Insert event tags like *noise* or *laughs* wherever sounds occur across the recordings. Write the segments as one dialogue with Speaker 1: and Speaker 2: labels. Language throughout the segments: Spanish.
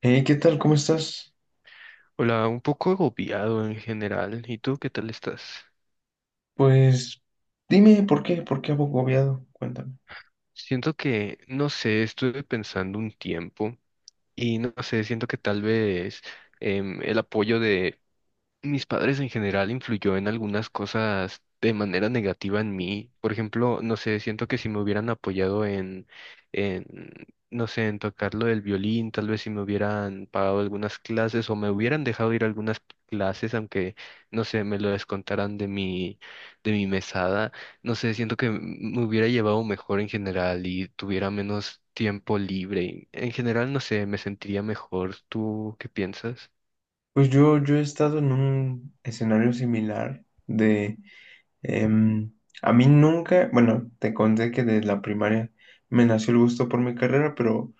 Speaker 1: Hey, ¿qué tal? ¿Cómo estás?
Speaker 2: Hola, un poco agobiado en general. ¿Y tú qué tal estás?
Speaker 1: Pues dime, ¿por qué? ¿Por qué agobiado? Cuéntame.
Speaker 2: Siento que, no sé, estuve pensando un tiempo y no sé, siento que tal vez el apoyo de mis padres en general influyó en algunas cosas de manera negativa en mí. Por ejemplo, no sé, siento que si me hubieran apoyado en, no sé, en tocar lo del violín, tal vez si me hubieran pagado algunas clases o me hubieran dejado ir a algunas clases, aunque, no sé, me lo descontaran de mi mesada, no sé, siento que me hubiera llevado mejor en general y tuviera menos tiempo libre. En general, no sé, me sentiría mejor. ¿Tú qué piensas?
Speaker 1: Pues yo he estado en un escenario similar de... em, a mí nunca, bueno, te conté que desde la primaria me nació el gusto por mi carrera, pero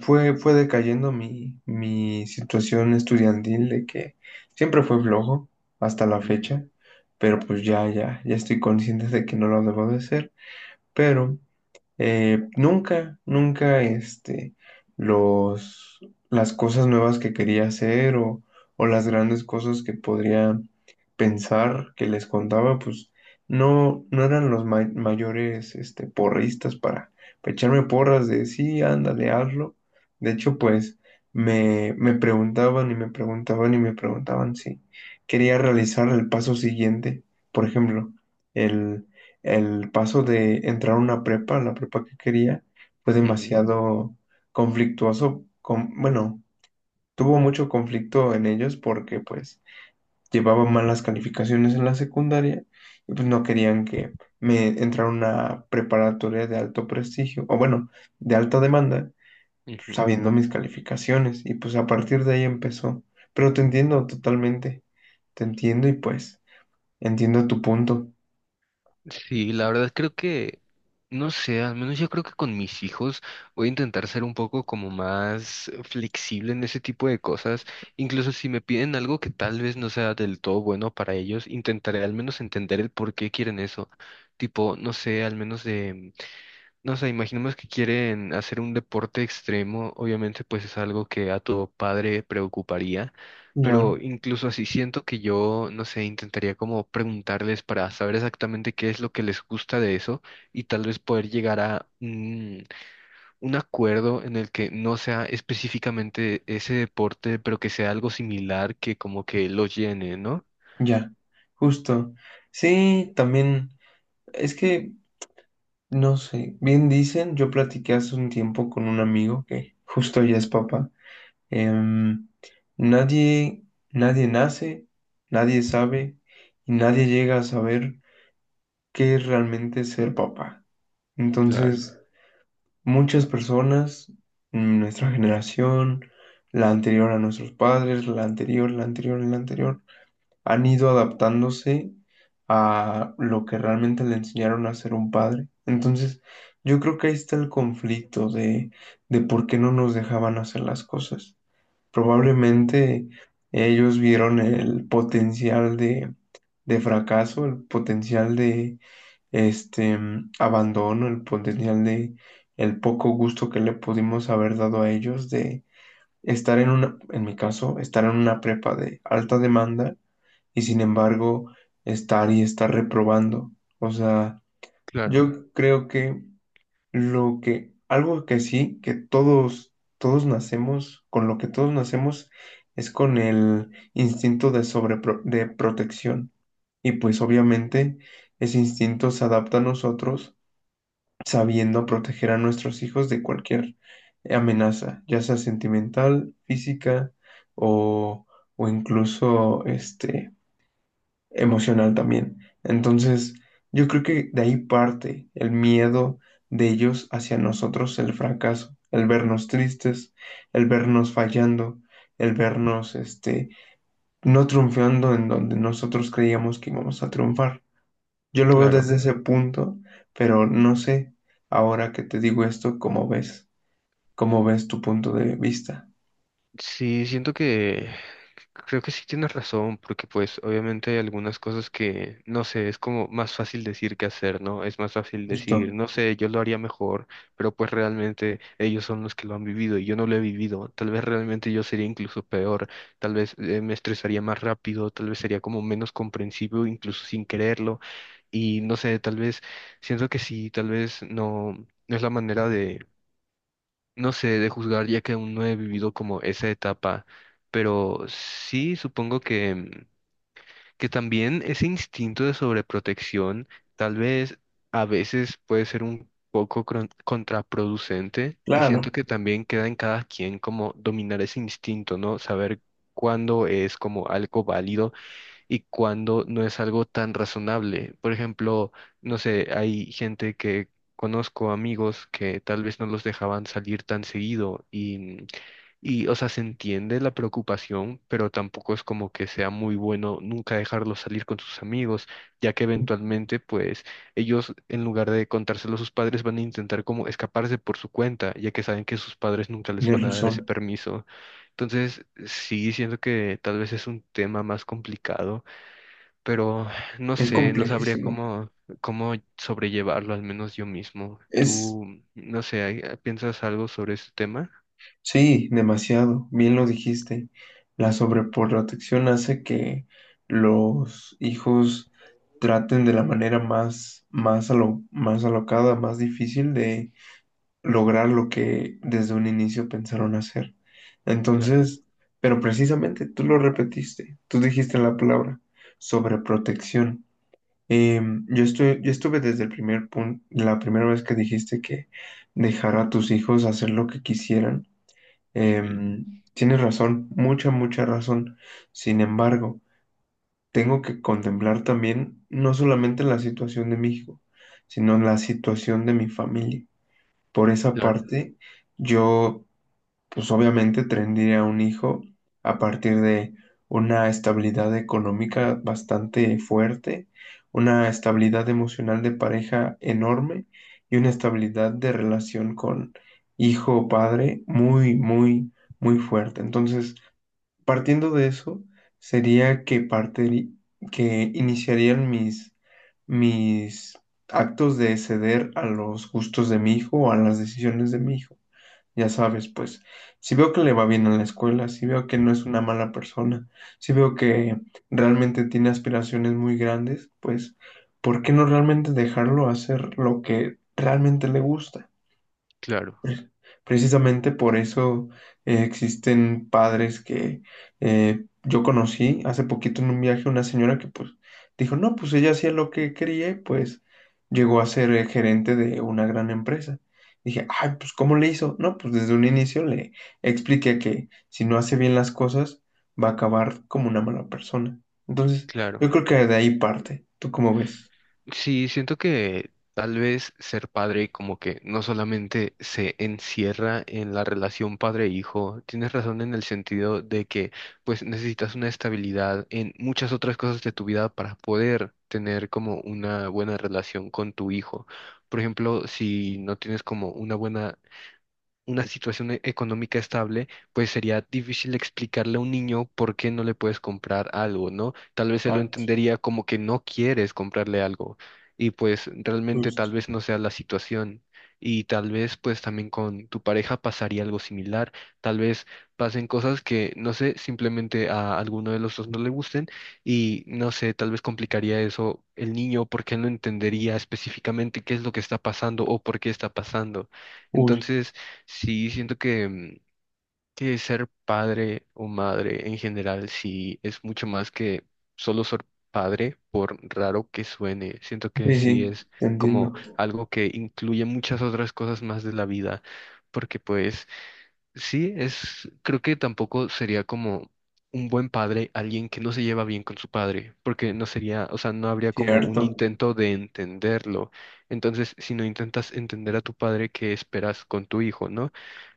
Speaker 1: fue decayendo mi situación estudiantil de que siempre fue flojo hasta la
Speaker 2: Ujú,
Speaker 1: fecha, pero pues ya estoy consciente de que no lo debo de ser, pero... nunca, nunca, este, los, las cosas nuevas que quería hacer o las grandes cosas que podría pensar que les contaba, pues no eran los mayores, porristas para echarme porras de sí, ándale, hazlo. De hecho, pues me preguntaban y me preguntaban y me preguntaban si quería realizar el paso siguiente, por ejemplo, el paso de entrar a una prepa, la prepa que quería, fue
Speaker 2: ujú,
Speaker 1: demasiado conflictuoso. Bueno, tuvo mucho conflicto en ellos porque pues llevaba malas calificaciones en la secundaria y pues no querían que me entrara a una preparatoria de alto prestigio, o bueno, de alta demanda,
Speaker 2: ujú.
Speaker 1: sabiendo mis calificaciones. Y pues a partir de ahí empezó. Pero te entiendo totalmente, te entiendo y pues entiendo tu punto.
Speaker 2: Sí, la verdad creo que, no sé, al menos yo creo que con mis hijos voy a intentar ser un poco como más flexible en ese tipo de cosas. Incluso si me piden algo que tal vez no sea del todo bueno para ellos, intentaré al menos entender el por qué quieren eso. Tipo, no sé, al menos de... No sé, imaginemos que quieren hacer un deporte extremo, obviamente pues es algo que a tu padre preocuparía, pero
Speaker 1: Claro.
Speaker 2: incluso así siento que yo, no sé, intentaría como preguntarles para saber exactamente qué es lo que les gusta de eso y tal vez poder llegar a un acuerdo en el que no sea específicamente ese deporte, pero que sea algo similar que como que lo llene, ¿no?
Speaker 1: Ya, justo. Sí, también, es que, no sé, bien dicen, yo platiqué hace un tiempo con un amigo que justo ya es papá. em, nadie, nadie nace, nadie sabe y nadie llega a saber qué es realmente ser papá.
Speaker 2: Claro,
Speaker 1: Entonces, muchas personas, nuestra generación, la anterior a nuestros padres, la anterior, la anterior, la anterior han ido adaptándose a lo que realmente le enseñaron a ser un padre. Entonces, yo creo que ahí está el conflicto de por qué no nos dejaban hacer las cosas. Probablemente ellos vieron el potencial de fracaso, el potencial de este abandono, el potencial de el poco gusto que le pudimos haber dado a ellos de estar en una, en mi caso, estar en una prepa de alta demanda y sin embargo estar y estar reprobando. O sea,
Speaker 2: claro,
Speaker 1: yo creo que lo que, algo que sí, que todos, todos nacemos, con lo que todos nacemos es con el instinto de de protección. Y pues obviamente ese instinto se adapta a nosotros sabiendo proteger a nuestros hijos de cualquier amenaza, ya sea sentimental, física o, o incluso este, emocional también. Entonces, yo creo que de ahí parte el miedo de ellos hacia nosotros, el fracaso, el vernos tristes, el vernos fallando, el vernos, este, no triunfando en donde nosotros creíamos que íbamos a triunfar. Yo lo veo
Speaker 2: claro.
Speaker 1: desde ese punto, pero no sé, ahora que te digo esto, ¿cómo ves? ¿Cómo ves tu punto de vista?
Speaker 2: Sí, siento que creo que sí tienes razón, porque pues obviamente hay algunas cosas que, no sé, es como más fácil decir que hacer, ¿no? Es más fácil decir,
Speaker 1: Justo.
Speaker 2: no sé, yo lo haría mejor, pero pues realmente ellos son los que lo han vivido y yo no lo he vivido. Tal vez realmente yo sería incluso peor, tal vez me estresaría más rápido, tal vez sería como menos comprensivo, incluso sin quererlo. Y no sé, tal vez siento que sí, tal vez no, no es la manera no sé de juzgar ya que aún no he vivido como esa etapa, pero sí supongo que, que también ese instinto de sobreprotección tal vez a veces puede ser un poco contraproducente y
Speaker 1: Claro,
Speaker 2: siento que también queda en cada quien como dominar ese instinto, ¿no? Saber cuándo es como algo válido y cuando no es algo tan razonable. Por ejemplo, no sé, hay gente que conozco, amigos, que tal vez no los dejaban salir tan seguido y, o sea, se entiende la preocupación, pero tampoco es como que sea muy bueno nunca dejarlos salir con sus amigos, ya que eventualmente, pues, ellos, en lugar de contárselo a sus padres, van a intentar como escaparse por su cuenta, ya que saben que sus padres nunca les
Speaker 1: tienes
Speaker 2: van a dar ese
Speaker 1: razón.
Speaker 2: permiso. Entonces, sí, siento que tal vez es un tema más complicado, pero no
Speaker 1: Es
Speaker 2: sé, no sabría
Speaker 1: complejísimo.
Speaker 2: cómo, cómo sobrellevarlo, al menos yo mismo.
Speaker 1: Es
Speaker 2: ¿Tú, no sé, piensas algo sobre este tema?
Speaker 1: sí, demasiado, bien lo dijiste. La sobreprotección hace que los hijos traten de la manera más, más, más alocada, más difícil de lograr lo que desde un inicio pensaron hacer.
Speaker 2: Claro,
Speaker 1: Entonces, pero precisamente tú lo repetiste, tú dijiste la palabra sobreprotección. Em, yo estuve desde el primer punto, la primera vez que dijiste que dejar a tus hijos hacer lo que quisieran.
Speaker 2: ujú,
Speaker 1: Em, tienes razón, mucha razón. Sin embargo, tengo que contemplar también no solamente la situación de mi hijo, sino la situación de mi familia. Por esa
Speaker 2: claro,
Speaker 1: parte, yo pues obviamente tendría un hijo a partir de una estabilidad económica bastante fuerte, una estabilidad emocional de pareja enorme y una estabilidad de relación con hijo o padre muy, muy, muy fuerte. Entonces, partiendo de eso, sería que que iniciarían mis actos de ceder a los gustos de mi hijo o a las decisiones de mi hijo. Ya sabes, pues, si veo que le va bien en la escuela, si veo que no es una mala persona, si veo que realmente tiene aspiraciones muy grandes, pues, ¿por qué no realmente dejarlo hacer lo que realmente le gusta?
Speaker 2: claro,
Speaker 1: Pre- Precisamente por eso existen padres que yo conocí hace poquito en un viaje una señora que pues dijo, no, pues ella hacía lo que quería y pues llegó a ser gerente de una gran empresa. Dije, ay, pues ¿cómo le hizo? No, pues desde un inicio le expliqué que si no hace bien las cosas va a acabar como una mala persona. Entonces,
Speaker 2: claro.
Speaker 1: yo creo que de ahí parte. ¿Tú cómo ves?
Speaker 2: Sí, siento que tal vez ser padre como que no solamente se encierra en la relación padre-hijo, tienes razón en el sentido de que pues necesitas una estabilidad en muchas otras cosas de tu vida para poder tener como una buena relación con tu hijo. Por ejemplo, si no tienes como una buena una situación económica estable, pues sería difícil explicarle a un niño por qué no le puedes comprar algo, ¿no? Tal vez él lo
Speaker 1: Exacto,
Speaker 2: entendería como que no quieres comprarle algo y pues realmente
Speaker 1: justo.
Speaker 2: tal vez no sea la situación. Y tal vez pues también con tu pareja pasaría algo similar, tal vez pasen cosas que no sé, simplemente a alguno de los dos no le gusten y no sé, tal vez complicaría eso el niño porque él no entendería específicamente qué es lo que está pasando o por qué está pasando.
Speaker 1: Justo.
Speaker 2: Entonces, sí, siento que, que ser padre o madre en general sí es mucho más que solo ser padre, por raro que suene. Siento que
Speaker 1: Sí,
Speaker 2: sí
Speaker 1: sí,
Speaker 2: es
Speaker 1: te
Speaker 2: como
Speaker 1: entiendo.
Speaker 2: algo que incluye muchas otras cosas más de la vida, porque pues sí, es, creo que tampoco sería como un buen padre alguien que no se lleva bien con su padre, porque no sería, o sea, no habría como un
Speaker 1: Cierto.
Speaker 2: intento de entenderlo. Entonces, si no intentas entender a tu padre, ¿qué esperas con tu hijo, no?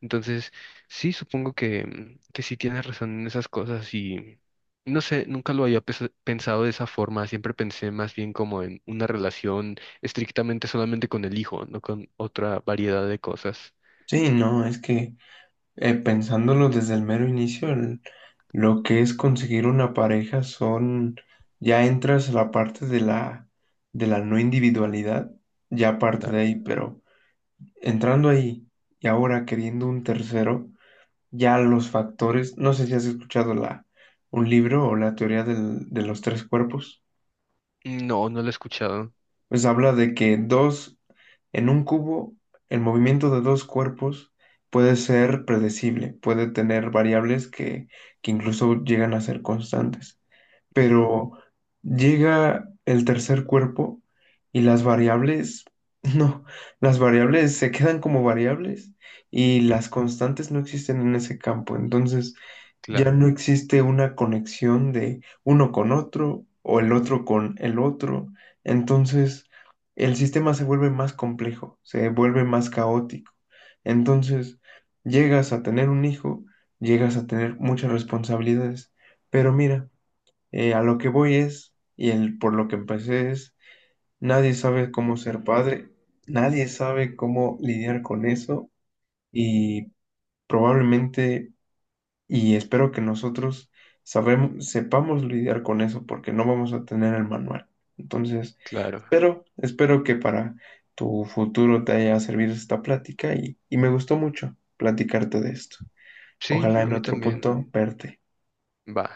Speaker 2: Entonces, sí, supongo que, que sí tienes razón en esas cosas y no sé, nunca lo había pensado de esa forma, siempre pensé más bien como en una relación estrictamente solamente con el hijo, no con otra variedad de cosas.
Speaker 1: Sí, no, es que pensándolo desde el mero inicio, lo que es conseguir una pareja son, ya entras a la parte de la no individualidad, ya parte de
Speaker 2: Claro.
Speaker 1: ahí, pero entrando ahí y ahora queriendo un tercero, ya los factores, no sé si has escuchado la, un libro o la teoría de los tres cuerpos.
Speaker 2: No, no lo he escuchado.
Speaker 1: Pues habla de que dos, en un cubo, el movimiento de dos cuerpos puede ser predecible, puede tener variables que incluso llegan a ser constantes,
Speaker 2: Ujú,
Speaker 1: pero llega el tercer cuerpo y las variables, *laughs* no, las variables se quedan como variables y las constantes no existen en ese campo, entonces ya
Speaker 2: claro,
Speaker 1: no existe una conexión de uno con otro o el otro con el otro, entonces el sistema se vuelve más complejo, se vuelve más caótico, entonces llegas a tener un hijo, llegas a tener muchas responsabilidades, pero mira, a lo que voy es, y el, por lo que empecé es, nadie sabe cómo ser padre, nadie sabe cómo lidiar con eso y probablemente, y espero que nosotros sepamos lidiar con eso porque no vamos a tener el manual. Entonces,
Speaker 2: claro.
Speaker 1: espero que para tu futuro te haya servido esta plática y me gustó mucho platicarte de esto.
Speaker 2: Sí,
Speaker 1: Ojalá
Speaker 2: a
Speaker 1: en
Speaker 2: mí
Speaker 1: otro
Speaker 2: también.
Speaker 1: punto verte.
Speaker 2: Va.